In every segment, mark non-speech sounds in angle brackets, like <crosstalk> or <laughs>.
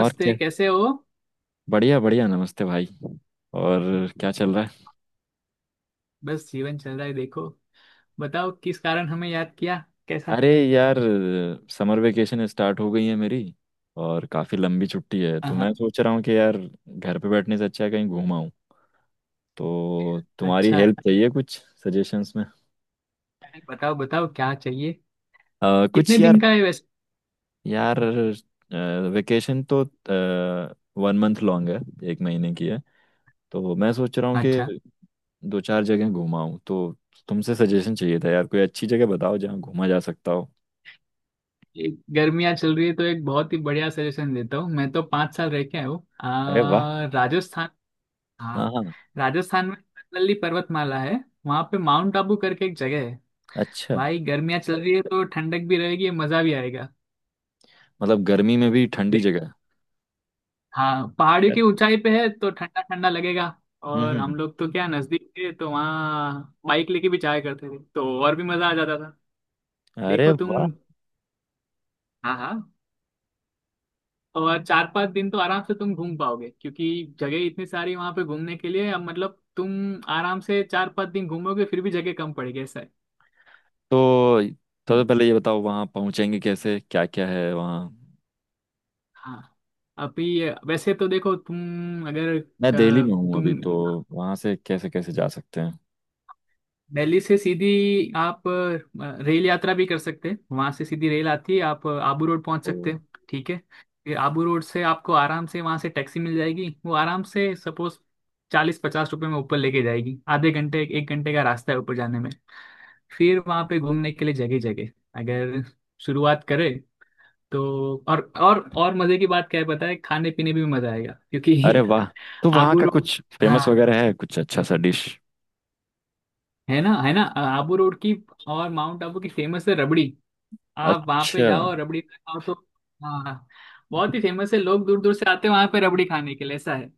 और क्या। कैसे हो? बढ़िया बढ़िया। नमस्ते भाई। और क्या चल रहा है? बस जीवन चल रहा है, देखो। बताओ, किस कारण हमें याद किया? कैसा? अरे यार, समर वेकेशन स्टार्ट हो गई है मेरी। और काफ़ी लंबी छुट्टी है हाँ तो मैं हाँ। सोच रहा हूँ कि यार, घर पे बैठने से अच्छा है कहीं घूम आऊँ। तो तुम्हारी अच्छा है। हेल्प चाहिए कुछ सजेशंस में। अरे बताओ बताओ, क्या चाहिए? कितने कुछ दिन यार। का है वैसे? यार वेकेशन तो 1 मंथ लॉन्ग है, एक महीने की है। तो मैं सोच रहा हूँ अच्छा। कि दो चार जगह घूम आऊँ तो तुमसे सजेशन चाहिए था यार। कोई अच्छी जगह बताओ जहाँ घूमा जा सकता हो। एक, गर्मियाँ चल रही है तो एक बहुत ही बढ़िया सजेशन देता हूँ। मैं तो 5 साल रह के आया हूँ, अरे वाह। राजस्थान। हाँ। हाँ। राजस्थान में, नल्ली पर्वतमाला है। वहाँ पे माउंट आबू करके एक जगह है। अच्छा, भाई गर्मियाँ चल रही है तो ठंडक भी रहेगी, मजा भी आएगा। मतलब गर्मी में भी ठंडी जगह है। हाँ, पहाड़ियों की यार। ऊंचाई पे है तो ठंडा ठंडा लगेगा। हम्म और हम हम्म, लोग तो क्या, नजदीक थे तो वहाँ बाइक लेके भी जाया करते थे तो और भी मजा आ जाता था। अरे देखो तुम। वाह। हाँ हाँ। और 4-5 दिन तो आराम से तुम घूम पाओगे, क्योंकि जगह इतनी सारी वहां पे घूमने के लिए। अब मतलब तुम आराम से 4-5 दिन घूमोगे फिर भी जगह कम पड़ेगी, ऐसा है। तो सबसे हम्म, पहले ये बताओ वहाँ पहुँचेंगे कैसे, क्या क्या है वहाँ। हाँ। अभी वैसे तो देखो तुम, अगर मैं दिल्ली में अ, हूँ तुम अभी तो वहाँ से कैसे कैसे जा सकते हैं? दिल्ली से सीधी, आप रेल यात्रा भी कर सकते हैं। वहां से सीधी रेल आती है, आप आबू रोड पहुंच ओ। सकते हैं, ठीक है? फिर आबू रोड से आपको आराम से वहां से टैक्सी मिल जाएगी, वो आराम से सपोज 40-50 रुपए में ऊपर लेके जाएगी। आधे घंटे एक घंटे का रास्ता है ऊपर जाने में। फिर वहां पे घूमने के लिए जगह जगह, अगर शुरुआत करें तो और मजे की बात क्या है पता है, खाने पीने भी मजा आएगा, अरे क्योंकि वाह। तो <laughs> वहाँ आबू का रोड। कुछ फेमस हाँ, वगैरह है? कुछ अच्छा सा डिश? है ना, है ना, आबू रोड की और माउंट आबू की फेमस है रबड़ी। आप वहां पे अच्छा। जाओ और रबड़ी खाओ तो। हाँ। बहुत ही फेमस है, लोग दूर दूर से आते हैं वहां पे रबड़ी खाने के लिए, ऐसा है।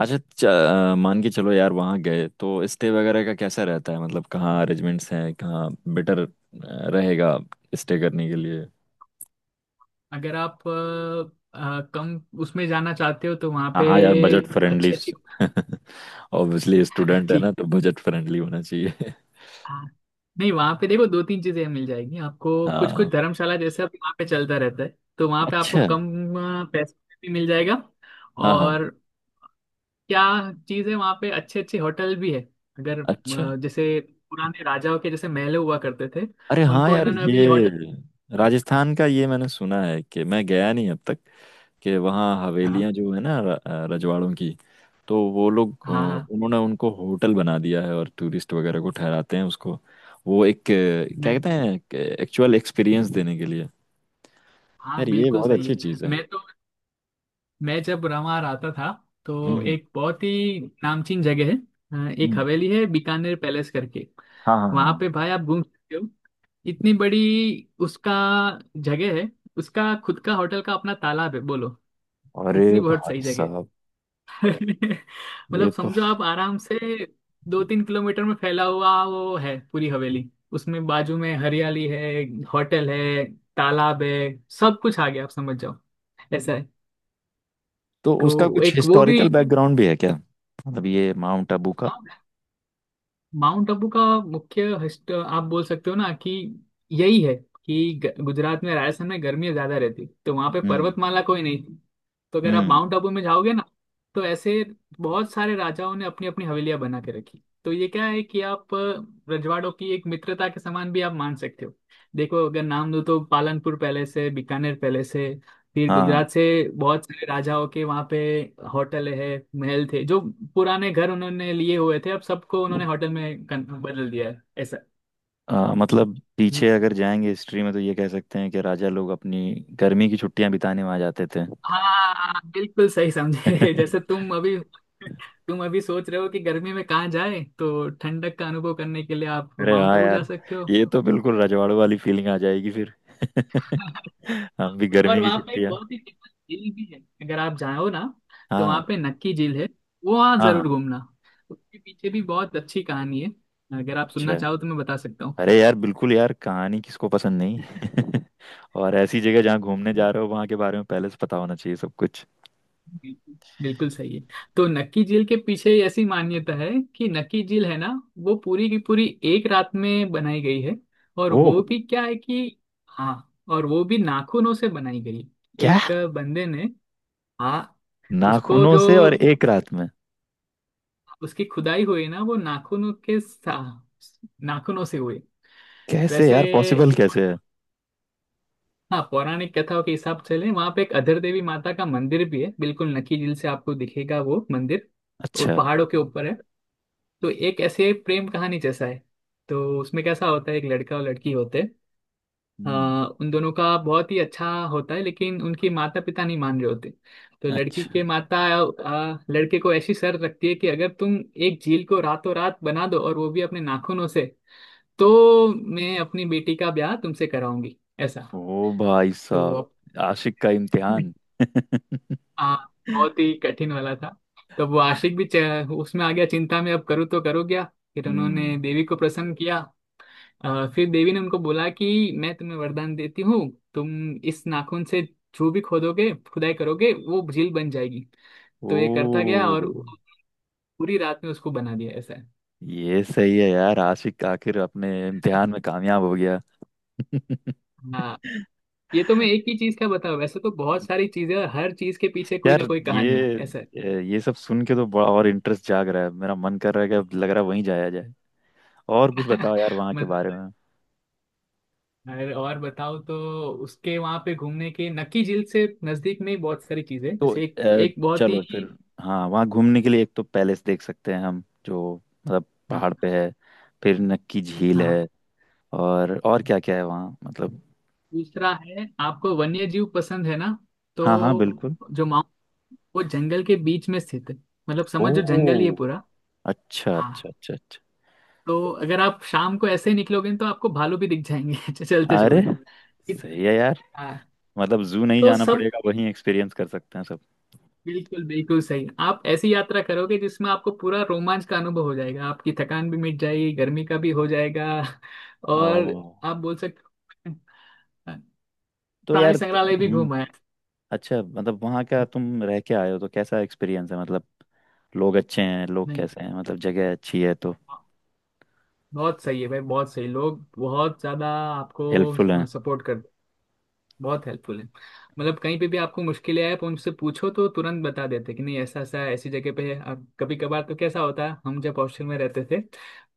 अच्छा च- मान के चलो यार, वहाँ गए तो स्टे वगैरह का कैसा रहता है? मतलब कहाँ अरेंजमेंट्स हैं, कहाँ बेटर रहेगा स्टे करने के लिए? अगर आप कम उसमें जाना चाहते हो तो वहां हाँ पे, हाँ यार, बजट फ्रेंडली। अच्छी अच्छी। ऑब्वियसली स्टूडेंट <laughs> है ना, ठीक। तो बजट फ्रेंडली होना चाहिए। हाँ। नहीं, वहां पे देखो दो तीन चीजें मिल जाएगी आपको, कुछ कुछ हाँ। धर्मशाला जैसे अभी वहां पे चलता रहता है। तो वहां पे आपको अच्छा। कम पैसे में भी मिल जाएगा। हाँ हाँ। और क्या चीज है, वहां पे अच्छे अच्छे होटल भी है। अगर अच्छा। जैसे पुराने राजाओं के जैसे महल हुआ करते थे, अरे हाँ उनको यार, इन्होंने अभी ये होटल। राजस्थान का ये मैंने सुना है कि मैं गया नहीं अब तक। कि वहाँ हवेलियाँ हाँ। जो है ना रजवाड़ों की, तो वो लोग हाँ हाँ। उन्होंने उनको होटल बना दिया है और टूरिस्ट वगैरह को ठहराते हैं उसको। वो एक क्या मैं। कहते हैं, एक्चुअल एक्सपीरियंस देने के लिए। हाँ यार ये बिल्कुल बहुत सही अच्छी है। चीज़ है। मैं तो मैं जब वहाँ आता था, तो हम्म। एक बहुत ही नामचीन जगह है, एक हम्म। हवेली है, बीकानेर पैलेस करके। हाँ हाँ वहां हाँ। पे भाई आप घूम सकते हो, इतनी बड़ी। उसका, जगह है, उसका खुद का होटल का अपना तालाब है, बोलो। अरे इतनी बहुत सही भाई जगह साहब, है <laughs> ये मतलब तो। समझो आप आराम से, 2-3 किलोमीटर में फैला हुआ वो है पूरी हवेली, उसमें बाजू में हरियाली है, होटल है, तालाब है। सब कुछ आ गया, आप समझ जाओ, ऐसा है। तो तो उसका कुछ एक वो भी। हिस्टोरिकल बैकग्राउंड भी है क्या? मतलब ये माउंट आबू का। हाँ। माउंट आबू का मुख्य हस्त आप बोल सकते हो ना, कि यही है, कि गुजरात में, राजस्थान में गर्मी ज्यादा रहती तो वहां पे हम्म। पर्वतमाला कोई नहीं थी। तो अगर आप हम्म। माउंट आबू में जाओगे ना, तो ऐसे बहुत सारे राजाओं ने अपनी अपनी हवेलियां बना के रखी। तो ये क्या है कि आप रजवाड़ों की एक मित्रता के समान भी आप मान सकते हो। देखो अगर नाम दूं तो, पालनपुर पैलेस है, बीकानेर पैलेस है, फिर हाँ। गुजरात से बहुत सारे राजाओं के वहाँ पे होटल है। महल थे जो पुराने घर उन्होंने लिए हुए थे, अब सबको उन्होंने होटल में बदल दिया है, ऐसा। मतलब पीछे अगर जाएंगे हिस्ट्री में तो ये कह सकते हैं कि राजा लोग अपनी गर्मी की छुट्टियां बिताने वहां जाते थे। हाँ बिल्कुल सही <laughs> समझे <laughs> अरे जैसे तुम अभी सोच रहे हो कि गर्मी में कहाँ जाए, तो ठंडक का अनुभव करने के लिए आप माउंट हाँ आबू जा यार, सकते हो। ये तो बिल्कुल रजवाड़ों वाली फीलिंग आ जाएगी फिर। <laughs> <laughs> हम भी और गर्मी की वहाँ पे एक छुट्टियां। बहुत ही फेमस झील भी है, अगर आप जाओ ना, तो हाँ। वहाँ पे नक्की झील है। वो वहाँ जरूर हाँ। घूमना। उसके पीछे भी बहुत अच्छी कहानी है, अगर आप अच्छा। सुनना चाहो तो मैं बता सकता हूँ। अरे यार बिल्कुल, यार कहानी किसको पसंद नहीं? <laughs> और ऐसी जगह जहाँ घूमने जा रहे हो वहां के बारे में पहले से पता होना चाहिए सब कुछ। बिल्कुल बिल्कुल सही है। तो नक्की झील के पीछे ऐसी मान्यता है कि, नक्की झील है ना, वो पूरी की पूरी एक रात में बनाई गई है। और ओ। वो भी क्या है कि, हाँ, और वो भी नाखूनों से बनाई गई, क्या, एक बंदे ने। हाँ। उसको नाखूनों जो, से और एक रात में? उसकी खुदाई हुई ना, वो नाखूनों के नाखूनों से हुई। कैसे वैसे यार, पॉसिबल एक- कैसे है? हाँ, पौराणिक कथाओं के हिसाब से लें, वहाँ पे एक अधर देवी माता का मंदिर भी है, बिल्कुल नक्की झील से आपको दिखेगा वो मंदिर। वो अच्छा। पहाड़ों के ऊपर है। तो एक ऐसे प्रेम कहानी जैसा है। तो उसमें कैसा होता है, एक लड़का और लड़की होते हैं, हम्म। उन दोनों का बहुत ही अच्छा होता है, लेकिन उनके माता पिता नहीं मान रहे होते। तो लड़की के अच्छा। माता, लड़के को ऐसी शर्त रखती है कि, अगर तुम एक झील को रातों रात बना दो और वो भी अपने नाखूनों से, तो मैं अपनी बेटी का ब्याह तुमसे कराऊंगी, ऐसा। ओ भाई तो साहब, अब आशिक का इम्तिहान। <laughs> <laughs> हाँ, बहुत ही कठिन वाला था। तो वो आशिक भी उसमें आ गया चिंता में, अब करूँ तो करूँ क्या। फिर हम्म। उन्होंने देवी को प्रसन्न किया। फिर देवी ने उनको बोला कि, मैं तुम्हें वरदान देती हूँ, तुम इस नाखून से जो भी खोदोगे खुदाई करोगे वो झील बन जाएगी। ओ। तो ये करता गया और पूरी रात में उसको बना दिया, ऐसा है। ये सही है यार, आशिक आखिर अपने इम्तिहान में कामयाब हो गया। हाँ, <laughs> ये तो मैं एक ही चीज का बताऊँ, वैसे तो बहुत सारी चीजें, और हर चीज के पीछे कोई यार ना कोई कहानी है, ऐसा है। ये सब सुन के तो बड़ा और इंटरेस्ट जाग रहा है। मेरा मन कर रहा है कि अब लग रहा है वहीं जाया जाए। और कुछ <laughs> बताओ यार वहाँ के मतलब, बारे में। और बताओ तो, उसके वहां पे घूमने के, नक्की झील से नजदीक में ही बहुत सारी चीजें हैं। तो जैसे एक, एक बहुत चलो ही। फिर। हाँ, वहाँ घूमने के लिए एक तो पैलेस देख सकते हैं हम, जो मतलब हाँ पहाड़ पे है। फिर नक्की झील हाँ। है। और क्या क्या है वहाँ मतलब? दूसरा है, आपको वन्य जीव पसंद है ना, तो हाँ हाँ बिल्कुल। जो माउंट, वो जंगल के बीच में स्थित है, मतलब ओ। समझो जंगल ही है पूरा। अच्छा अच्छा हाँ। अच्छा अच्छा। तो अगर आप शाम को ऐसे ही निकलोगे, तो आपको भालू भी दिख जाएंगे <laughs> चलते अरे हुए। सही है यार, हाँ। मतलब जू नहीं तो जाना सब पड़ेगा, वहीं एक्सपीरियंस कर सकते हैं सब। बिल्कुल बिल्कुल सही। आप ऐसी यात्रा करोगे जिसमें आपको पूरा रोमांच का अनुभव हो जाएगा, आपकी थकान भी मिट जाएगी, गर्मी का भी हो जाएगा <laughs> ओ। और आप बोल सकते हो, तो प्राणी यार। संग्रहालय भी हम्म। घूमा है। अच्छा, मतलब वहाँ का तुम रह के आए हो तो कैसा एक्सपीरियंस है? मतलब लोग अच्छे हैं? लोग नहीं, कैसे हैं? मतलब जगह अच्छी है तो। बहुत सही है भाई, बहुत सही, लोग बहुत ज्यादा हेल्पफुल है। आपको सपोर्ट कर, बहुत हेल्पफुल है। मतलब कहीं पे भी आपको मुश्किलें आए, आप उनसे पूछो तो तुरंत बता देते कि, नहीं ऐसा ऐसा है, ऐसी जगह पे है। अब कभी कभार तो कैसा होता है, हम जब हॉस्टल में रहते थे,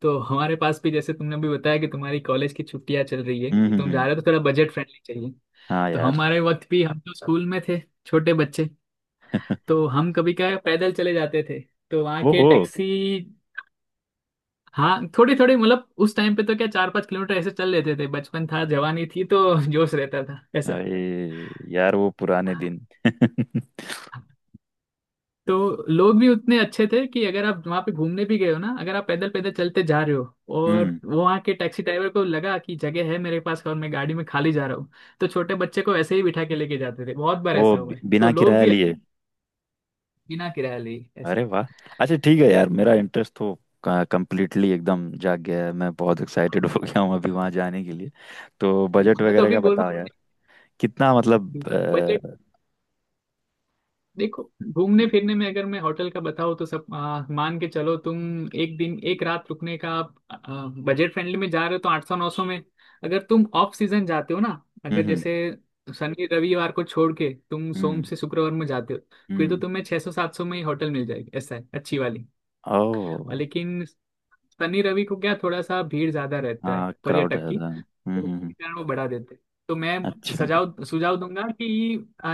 तो हमारे पास भी, जैसे तुमने भी बताया कि तुम्हारी कॉलेज की छुट्टियां चल रही है तो तुम जा हम्म। रहे हो, तो थोड़ा बजट फ्रेंडली चाहिए। हाँ तो यार। हमारे वक्त भी हम तो स्कूल में थे, छोटे बच्चे। तो हम कभी क्या है, पैदल चले जाते थे, तो वहाँ के ओहो। टैक्सी। हाँ, थोड़ी थोड़ी, मतलब उस टाइम पे तो क्या, 4-5 किलोमीटर ऐसे चल लेते थे, बचपन था जवानी थी तो <laughs> जोश रहता था, ऐसा। अरे यार, वो पुराने हाँ, दिन। <laughs> तो लोग भी उतने अच्छे थे कि अगर आप वहाँ पे घूमने भी गए हो ना, अगर आप पैदल पैदल चलते जा रहे हो, और हम्म। वो वहाँ के टैक्सी ड्राइवर को लगा कि जगह है मेरे पास और मैं गाड़ी में खाली जा रहा हूँ, तो छोटे बच्चे को ऐसे ही बिठा के लेके जाते थे। बहुत बार ऐसा हुआ है, तो बिना लोग किराया भी, लिए? बिना किराया लिए, ऐसा। अरे वाह। अच्छा ठीक है यार, मेरा इंटरेस्ट तो कंप्लीटली एकदम जाग गया है। मैं बहुत एक्साइटेड हाँ। हो गया हूँ अभी वहाँ जाने के लिए। तो ठीक बजट है। मैं तो वगैरह अभी का बोल बताओ रहा यार। कितना मतलब हूँ, बजट, अ, देखो घूमने हम्म फिरने में अगर मैं होटल का बताऊँ, तो सब, मान के चलो तुम, एक दिन एक रात रुकने का, आप बजट फ्रेंडली में जा रहे हो तो 800-900 में। अगर तुम ऑफ सीजन जाते हो ना, अगर हम्म जैसे शनि रविवार को छोड़ के तुम सोम हम्म। से शुक्रवार में जाते हो, फिर तो हम्म। तुम्हें 600-700 में ही होटल मिल जाएगी, ऐसा है, अच्छी वाली। और ओह। लेकिन शनि रवि को क्या, थोड़ा सा भीड़ ज्यादा रहता है हाँ क्राउड पर्यटक की, रहता है। तो हम्म। उसके कारण वो बढ़ा देते। तो मैं अच्छा। सजाव सुझाव दूंगा कि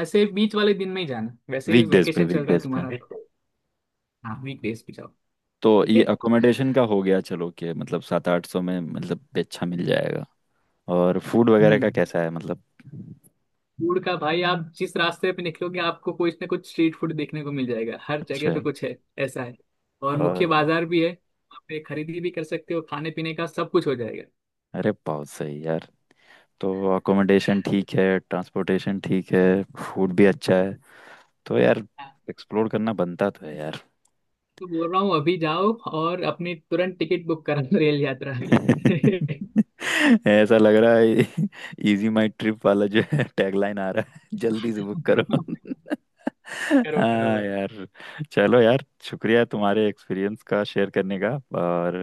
ऐसे बीच वाले दिन में ही जाना, वैसे ही वीकडेज पे वेकेशन चल रहा है वीकडेज पे। तुम्हारा तो। हाँ वीकडेज पे जाओ। तो ठीक है। ये अकोमोडेशन का हो गया चलो, कि मतलब सात आठ सौ में मतलब भी अच्छा मिल जाएगा। और फूड वगैरह हम्म का कैसा है मतलब? फूड का भाई, आप जिस रास्ते पे निकलोगे, आपको कुछ ना कुछ स्ट्रीट फूड देखने को मिल जाएगा, हर अच्छा जगह पे है। कुछ है, ऐसा है। और मुख्य और बाजार भी है वहाँ पे, खरीदी भी कर सकते हो, खाने पीने का सब कुछ हो जाएगा। अरे बहुत सही यार। तो अकोमोडेशन ठीक है, ट्रांसपोर्टेशन ठीक है, फूड भी अच्छा है। तो यार हाँ, एक्सप्लोर करना बनता तो है यार। तो बोल रहा हूँ अभी जाओ और अपनी तुरंत टिकट बुक करा रेल यात्रा की। <laughs> <laughs> ऐसा लग रहा है, इजी माई ट्रिप वाला जो है टैगलाइन आ रहा है, जल्दी से बुक करो। <laughs> करो करो हाँ भाई। यार। चलो यार, शुक्रिया तुम्हारे एक्सपीरियंस का शेयर करने का। और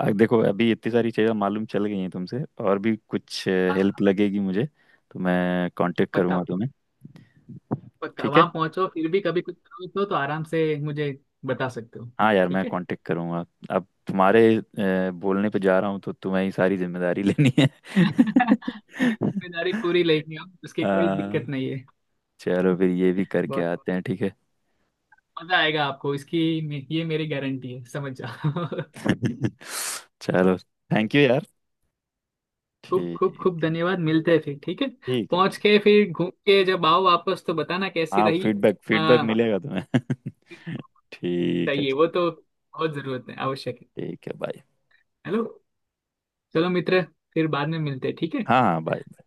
देखो अभी इतनी सारी चीज़ें मालूम चल गई हैं तुमसे। और भी कुछ हेल्प हाँ। लगेगी मुझे तो मैं कांटेक्ट पक्का। करूँगा तुम्हें। ठीक है। वहां पहुंचो फिर भी कभी कुछ जरूरत हो तो आराम से मुझे बता सकते हो, हाँ यार, मैं ठीक है। कांटेक्ट करूंगा। अब तुम्हारे बोलने पे जा रहा हूँ तो तुम्हें ही सारी जिम्मेदारी लेनी है। <laughs> <laughs> मेरी जिम्मेदारी पूरी लेंगे हम, उसकी कोई दिक्कत अ, नहीं है। चलो फिर, ये भी करके बहुत आते हैं। ठीक है। मजा आएगा आपको इसकी, ये मेरी गारंटी है, समझ जाओ <laughs> <laughs> चलो, थैंक यू यार। खूब खूब खूब ठीक। धन्यवाद, मिलते हैं फिर, ठीक है। ठीक है। पहुंच ठीक। के फिर घूम के जब आओ वापस तो बताना कैसी हाँ रही। फीडबैक फीडबैक हाँ, मिलेगा तुम्हें। <laughs> ठीक है। चाहिए वो तो, बहुत जरूरत है, आवश्यक है। ठीक है। बाय। हेलो। चलो मित्र, फिर बाद में मिलते हैं, ठीक है। हाँ हाँ बाय।